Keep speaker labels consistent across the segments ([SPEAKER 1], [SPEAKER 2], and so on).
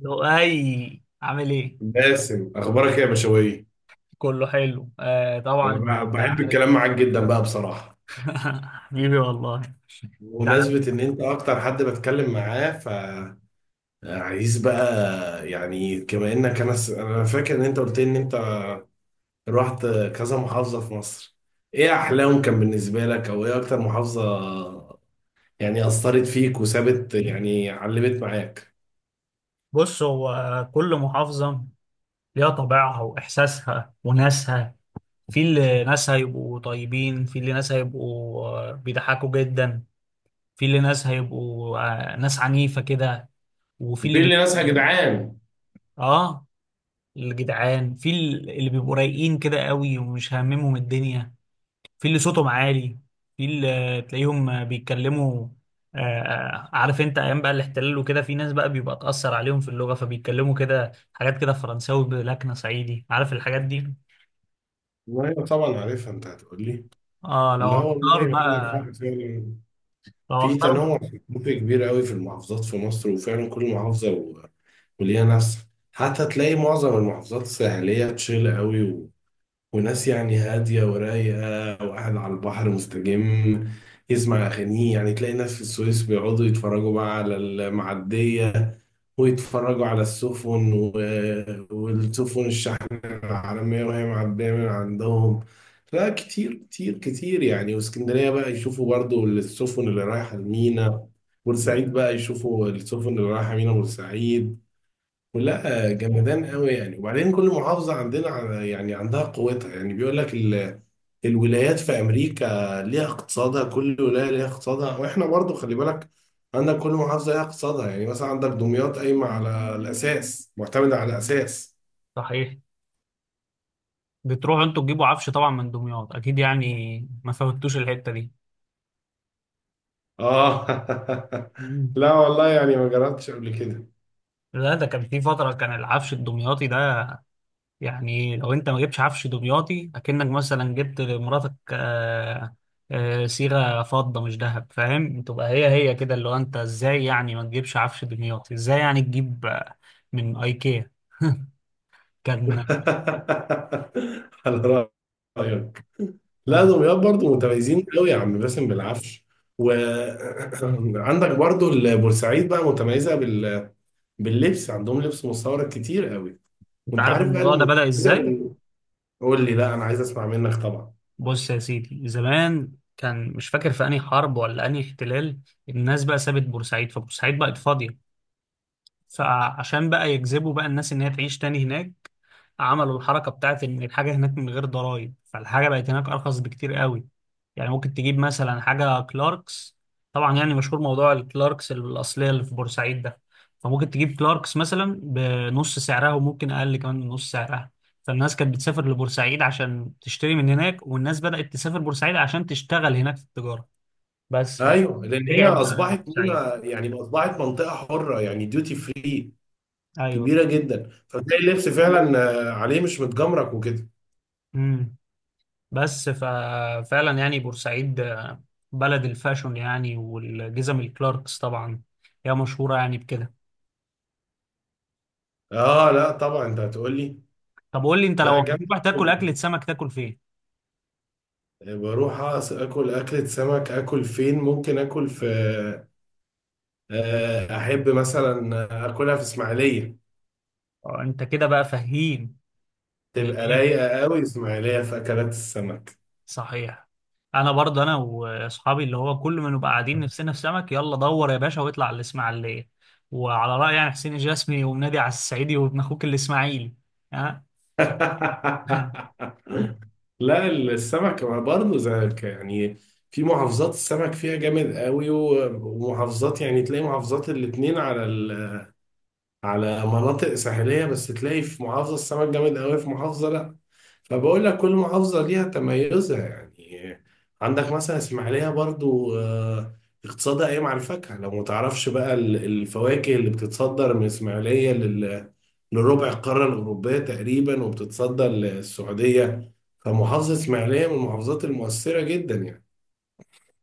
[SPEAKER 1] لؤي عامل ايه؟
[SPEAKER 2] باسم، اخبارك إيه يا بشوي؟
[SPEAKER 1] كله حلو، آه طبعا.
[SPEAKER 2] انا
[SPEAKER 1] انت
[SPEAKER 2] بحب
[SPEAKER 1] عارف.
[SPEAKER 2] الكلام معاك جدا بقى بصراحه.
[SPEAKER 1] حبيبي والله. تعال.
[SPEAKER 2] بمناسبه ان انت اكتر حد بتكلم معاه، فعايز بقى يعني كما انك انا فاكر ان انت قلت لي ان انت رحت كذا محافظه في مصر. ايه احلاهم كان بالنسبه لك، او ايه اكتر محافظه يعني اثرت فيك وسابت يعني علمت معاك؟
[SPEAKER 1] بص، هو كل محافظة ليها طبيعها وإحساسها وناسها. في اللي ناس هيبقوا طيبين، في اللي ناس هيبقوا بيضحكوا جدا، في اللي ناس هيبقوا ناس عنيفة كده، وفي اللي
[SPEAKER 2] بتقول لي ناسها يا
[SPEAKER 1] بيبقوا
[SPEAKER 2] جدعان.
[SPEAKER 1] اه الجدعان، في اللي بيبقوا رايقين كده قوي ومش هاممهم الدنيا، في اللي صوتهم عالي، في اللي تلاقيهم بيتكلموا عارف انت ايام بقى الاحتلال وكده في ناس بقى بيبقى اتأثر عليهم في اللغة فبيتكلموا كده حاجات كده فرنساوي بلكنة صعيدي، عارف الحاجات دي.
[SPEAKER 2] ايوه طبعا عارفها، انت هتقول لي.
[SPEAKER 1] اه لو
[SPEAKER 2] لا
[SPEAKER 1] هختار
[SPEAKER 2] والله، عندك
[SPEAKER 1] بقى،
[SPEAKER 2] حق فعلا.
[SPEAKER 1] لو
[SPEAKER 2] في
[SPEAKER 1] هختار.
[SPEAKER 2] تنوع ثقافي كبير قوي في المحافظات في مصر، وفعلا كل محافظة وليها نفسها. حتى تلاقي معظم المحافظات الساحلية تشيل قوي. وناس يعني هادية ورايقة، وقاعد على البحر مستجم يسمع أغانيه. يعني تلاقي ناس في السويس بيقعدوا يتفرجوا بقى على المعدية، ويتفرجوا على السفن والسفن الشحن العالمية وهي معدية من عندهم. لا كتير كتير كتير يعني. واسكندرية بقى يشوفوا برضو السفن اللي رايحة المينا. بورسعيد بقى يشوفوا السفن اللي رايحة مينا بورسعيد. لا جمدان قوي يعني. وبعدين كل محافظة عندنا يعني عندها قوتها. يعني بيقول لك الولايات في أمريكا ليها اقتصادها، كل ولاية ليها اقتصادها، وإحنا برضو خلي بالك، عندك كل محافظة ليها اقتصادها. يعني مثلا عندك دمياط قايمة على الأساس معتمدة على الأساس.
[SPEAKER 1] صحيح، بتروحوا انتوا تجيبوا عفش طبعا من دمياط اكيد يعني، ما فوتوش الحتة دي.
[SPEAKER 2] آه
[SPEAKER 1] مم.
[SPEAKER 2] لا والله يعني ما جربتش قبل كده.
[SPEAKER 1] لا، ده كان في فترة كان العفش الدمياطي ده يعني. لو انت ما جبتش عفش دمياطي اكنك مثلا جبت لمراتك صيغه فضه مش ذهب، فاهم؟ تبقى هي هي كده، اللي هو انت ازاي يعني ما تجيبش عفش دمياطي، ازاي يعني تجيب من ايكيا كان.
[SPEAKER 2] على رأيك. لا
[SPEAKER 1] اه،
[SPEAKER 2] دمياط برضه متميزين قوي يا عم باسم بالعفش. وعندك برضه البورسعيد بقى متميزة باللبس. عندهم لبس مستورد كتير قوي.
[SPEAKER 1] انت
[SPEAKER 2] وانت
[SPEAKER 1] عارف
[SPEAKER 2] عارف بقى
[SPEAKER 1] الموضوع ده بدأ
[SPEAKER 2] المتميزة
[SPEAKER 1] ازاي؟
[SPEAKER 2] بال... قول لي، لا انا عايز اسمع منك طبعا.
[SPEAKER 1] بص يا سيدي، زمان كان، مش فاكر في انهي حرب ولا انهي احتلال، الناس بقى سابت بورسعيد، فبورسعيد بقت فاضيه، فعشان بقى يجذبوا بقى الناس ان هي تعيش تاني هناك، عملوا الحركه بتاعت ان الحاجه هناك من غير ضرائب، فالحاجه بقت هناك ارخص بكتير قوي. يعني ممكن تجيب مثلا حاجه كلاركس، طبعا يعني مشهور موضوع الكلاركس الاصليه اللي في بورسعيد ده، فممكن تجيب كلاركس مثلا بنص سعرها وممكن اقل كمان من نص سعرها. فالناس كانت بتسافر لبورسعيد عشان تشتري من هناك، والناس بدأت تسافر بورسعيد عشان تشتغل هناك في التجاره بس.
[SPEAKER 2] ايوه لان هي
[SPEAKER 1] فرجعت بقى
[SPEAKER 2] اصبحت
[SPEAKER 1] بورسعيد.
[SPEAKER 2] هنا يعني اصبحت منطقة حرة يعني ديوتي فري
[SPEAKER 1] ايوه.
[SPEAKER 2] كبيرة جدا. فتلاقي اللبس فعلا عليه مش متجمرك وكده.
[SPEAKER 1] امم، بس ففعلا يعني بورسعيد بلد الفاشون يعني، والجزم الكلاركس طبعا، هي مشهورة يعني بكده.
[SPEAKER 2] اه لا طبعا انت هتقول لي.
[SPEAKER 1] طب قول لي انت، لو
[SPEAKER 2] لا جامد.
[SPEAKER 1] هتروح تاكل أكلة سمك تاكل فين؟
[SPEAKER 2] بروح اكل اكلة سمك، اكل فين؟ ممكن اكل في احب مثلا اكلها في اسماعيليه.
[SPEAKER 1] انت كده بقى فهيم. آه،
[SPEAKER 2] تبقى رايقه قوي اسماعيليه في اكلات السمك.
[SPEAKER 1] صحيح. انا برضه انا واصحابي اللي هو كل ما نبقى قاعدين نفسنا في سمك، يلا دور يا باشا واطلع على الاسماعيلية. وعلى رأي يعني حسين الجسمي، ومنادي على الصعيدي وابن اخوك الاسماعيلي. ها.
[SPEAKER 2] لا السمك برضه زيك يعني. في محافظات السمك فيها جامد قوي ومحافظات، يعني تلاقي محافظات الاتنين على على مناطق ساحليه، بس تلاقي في محافظه السمك جامد قوي، في محافظه لا. فبقول لك كل محافظة ليها تميزها يعني. عندك مثلا اسماعيلية برضو اقتصادها قايم على الفاكهة. لو متعرفش بقى الفواكه اللي بتتصدر من اسماعيلية لربع القارة الأوروبية تقريبا، وبتتصدر للسعودية. فمحافظة اسماعيلية من المحافظات المؤثرة جدا يعني.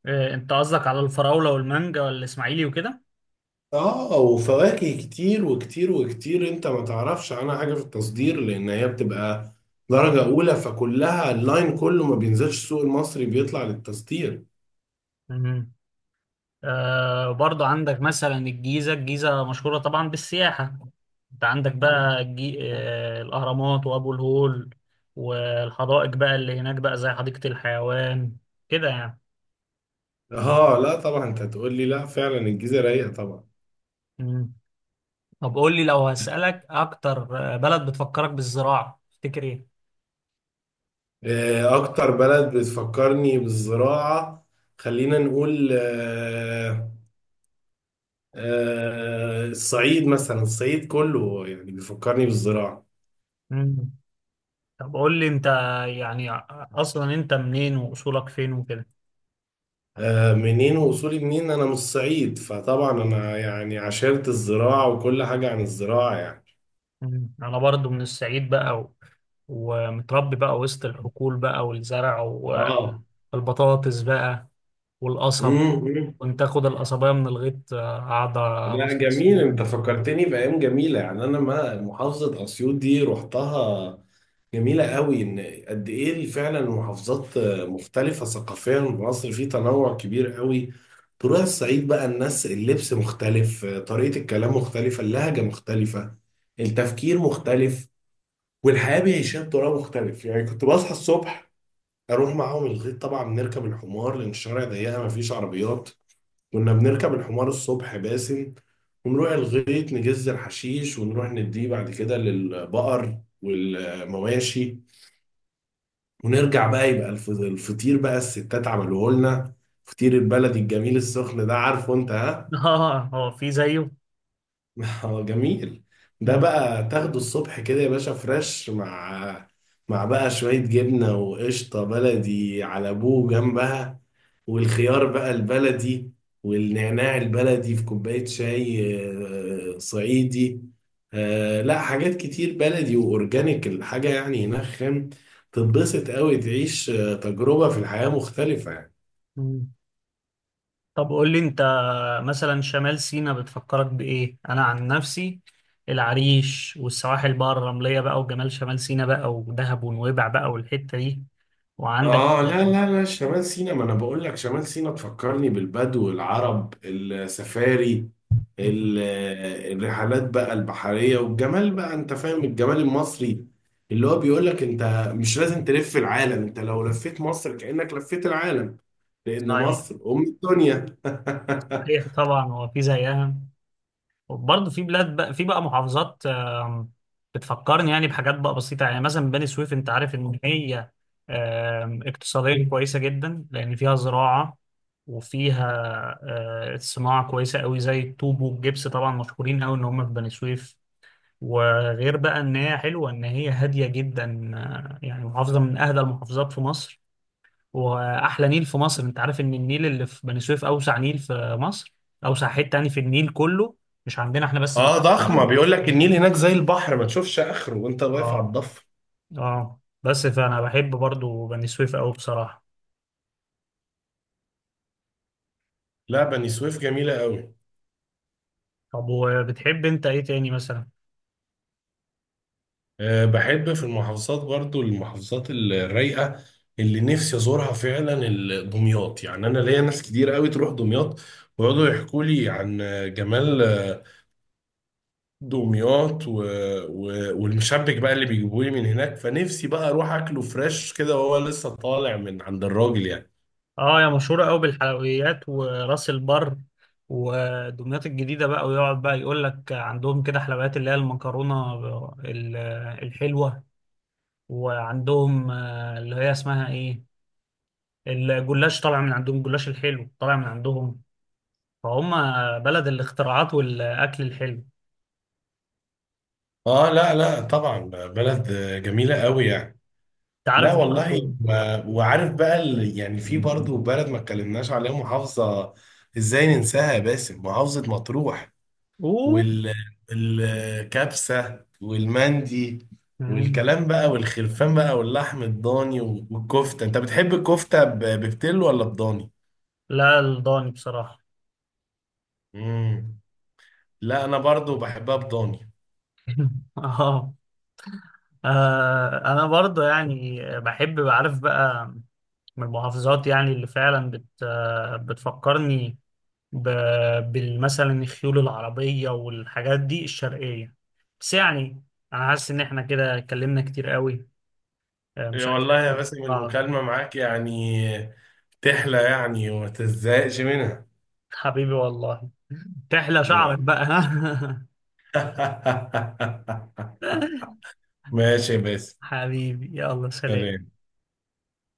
[SPEAKER 1] انت قصدك على الفراولة والمانجا والاسماعيلي وكده؟
[SPEAKER 2] اه، وفواكه كتير وكتير وكتير. انت ما تعرفش عنها حاجة في التصدير، لأن هي بتبقى درجة أولى، فكلها اللاين كله ما بينزلش السوق المصري، بيطلع للتصدير.
[SPEAKER 1] آه برضو عندك مثلا الجيزة. الجيزة مشهورة طبعا بالسياحة، انت عندك بقى آه الأهرامات وأبو الهول، والحدائق بقى اللي هناك بقى زي حديقة الحيوان كده يعني.
[SPEAKER 2] اه لا طبعا انت هتقول لي. لا فعلا الجيزه رايقه طبعا.
[SPEAKER 1] مم. طب قول لي، لو هسألك أكتر بلد بتفكرك بالزراعة تفتكر إيه؟
[SPEAKER 2] اكتر بلد بتفكرني بالزراعه. خلينا نقول الصعيد مثلا. الصعيد كله يعني بيفكرني بالزراعه.
[SPEAKER 1] مم. طب قول لي أنت يعني، أصلا أنت منين وأصولك فين وكده.
[SPEAKER 2] منين واصولي منين؟ انا من الصعيد، فطبعا انا يعني عشرت الزراعه وكل حاجه عن الزراعه يعني.
[SPEAKER 1] مم. أنا برضو من الصعيد بقى و ومتربي بقى وسط الحقول بقى والزرع
[SPEAKER 2] اه.
[SPEAKER 1] والبطاطس بقى والقصب،
[SPEAKER 2] امم
[SPEAKER 1] كنت اخد القصبية من الغيط آه، قاعدة
[SPEAKER 2] لا
[SPEAKER 1] مصمص
[SPEAKER 2] جميل،
[SPEAKER 1] فيها.
[SPEAKER 2] انت فكرتني بايام جميله يعني. انا ما محافظه اسيوط دي رحتها. جميله قوي، ان قد ايه فعلا المحافظات مختلفه ثقافيا. مصر في تنوع كبير قوي. تروح الصعيد بقى، الناس اللبس مختلف، طريقه الكلام مختلفه، اللهجه مختلفه، التفكير مختلف، والحياه بيعيشها بطريقه مختلف. يعني كنت بصحى الصبح اروح معاهم الغيط. طبعا بنركب الحمار لان الشارع ضيقه مفيش عربيات. كنا بنركب الحمار الصبح باسم، ونروح الغيط نجز الحشيش ونروح نديه بعد كده للبقر والمواشي، ونرجع بقى يبقى الفطير بقى الستات عملوه لنا. فطير البلدي الجميل السخن ده، عارفه انت؟ ها.
[SPEAKER 1] اه، هو في زيه؟
[SPEAKER 2] جميل. ده
[SPEAKER 1] مم.
[SPEAKER 2] بقى تاخده الصبح كده يا باشا فريش مع بقى شوية جبنة وقشطة بلدي على ابوه جنبها، والخيار بقى البلدي، والنعناع البلدي في كوباية شاي صعيدي. لا حاجات كتير بلدي وأورجانيك. الحاجة يعني هناك خام، تتبسط قوي. تعيش تجربة في الحياة مختلفة يعني.
[SPEAKER 1] مم. طب قول لي انت، مثلا شمال سيناء بتفكرك بايه؟ انا عن نفسي العريش والسواحل بقى الرملية بقى وجمال شمال سيناء بقى ودهب ونويبع بقى والحتة دي، وعندك.
[SPEAKER 2] اه لا لا لا، شمال سيناء، ما انا بقول لك شمال سيناء تفكرني بالبدو العرب السفاري.
[SPEAKER 1] مم.
[SPEAKER 2] ال- الرحلات بقى البحرية والجمال بقى. انت فاهم الجمال المصري اللي هو بيقول لك انت مش لازم تلف العالم، انت لو لفيت مصر كأنك لفيت العالم، لأن
[SPEAKER 1] صحيح.
[SPEAKER 2] مصر أم الدنيا.
[SPEAKER 1] صحيح طبعا، هو في زيها؟ برضه في بلاد بقى، في بقى محافظات آم، بتفكرني يعني بحاجات بقى بسيطة يعني. مثلا بني سويف، انت عارف ان هي آم، اقتصاديا كويسة جدا لان فيها زراعة، وفيها صناعة كويسة قوي زي الطوب والجبس طبعا، مشهورين قوي ان هم في بني سويف. وغير بقى ان هي حلوة، ان هي هادية جدا يعني محافظة من اهدى المحافظات في مصر. واحلى نيل في مصر، انت عارف ان النيل اللي في بني سويف اوسع نيل في مصر، اوسع حته يعني في النيل كله، مش عندنا احنا بس، في
[SPEAKER 2] اه
[SPEAKER 1] النيل
[SPEAKER 2] ضخمة،
[SPEAKER 1] كله.
[SPEAKER 2] بيقول لك النيل هناك زي البحر، ما تشوفش آخره وانت واقف على
[SPEAKER 1] اه.
[SPEAKER 2] الضفة.
[SPEAKER 1] اه، بس فانا بحب برضو بني سويف قوي بصراحه.
[SPEAKER 2] لا بني سويف جميلة قوي.
[SPEAKER 1] طب وبتحب انت ايه تاني مثلا؟
[SPEAKER 2] أه، بحب في المحافظات برضو المحافظات الرايقة اللي نفسي أزورها فعلا. دمياط يعني، أنا ليا ناس كتير قوي تروح دمياط، ويقعدوا يحكوا لي عن جمال دمياط و... والمشبك بقى اللي بيجيبوه لي من هناك. فنفسي بقى أروح أكله فريش كده وهو لسه طالع من عند الراجل يعني.
[SPEAKER 1] اه يا مشهوره قوي بالحلويات وراس البر، ودمياط الجديده بقى، ويقعد بقى يقول لك عندهم كده حلويات اللي هي المكرونه ال- الحلوه، وعندهم آه، اللي هي اسمها ايه، الجلاش طالع من عندهم، الجلاش الحلو طالع من عندهم. فهم بلد الاختراعات والاكل الحلو.
[SPEAKER 2] آه لا لا طبعا. بلد جميلة قوي يعني.
[SPEAKER 1] انت
[SPEAKER 2] لا
[SPEAKER 1] عارف
[SPEAKER 2] والله،
[SPEAKER 1] برضه.
[SPEAKER 2] وعارف بقى يعني في برضه بلد ما اتكلمناش عليها، محافظة ازاي ننساها يا باسم؟ محافظة مطروح،
[SPEAKER 1] اوه.
[SPEAKER 2] والكبسة والمندي،
[SPEAKER 1] مم.
[SPEAKER 2] والكلام بقى والخرفان بقى واللحم الضاني والكفتة. انت بتحب الكفتة بفتلو ولا بضاني؟
[SPEAKER 1] لا الضاني بصراحه.
[SPEAKER 2] مم. لا، انا برضو بحبها بضاني.
[SPEAKER 1] اه. انا برضه يعني بحب بعرف بقى من المحافظات، يعني اللي فعلا بت آه، بتفكرني بالمثلا الخيول العربيه والحاجات دي الشرقيه. بس يعني انا حاسس ان احنا كده اتكلمنا كتير قوي مش
[SPEAKER 2] يا
[SPEAKER 1] عارف.
[SPEAKER 2] والله يا باسم، المكالمة معاك يعني تحلى يعني وما تزهقش منها.
[SPEAKER 1] حبيبي والله. تحلى شعرك
[SPEAKER 2] يلا.
[SPEAKER 1] بقى، ها؟
[SPEAKER 2] ماشي يا باسم.
[SPEAKER 1] حبيبي، يلا سلام.
[SPEAKER 2] سلام.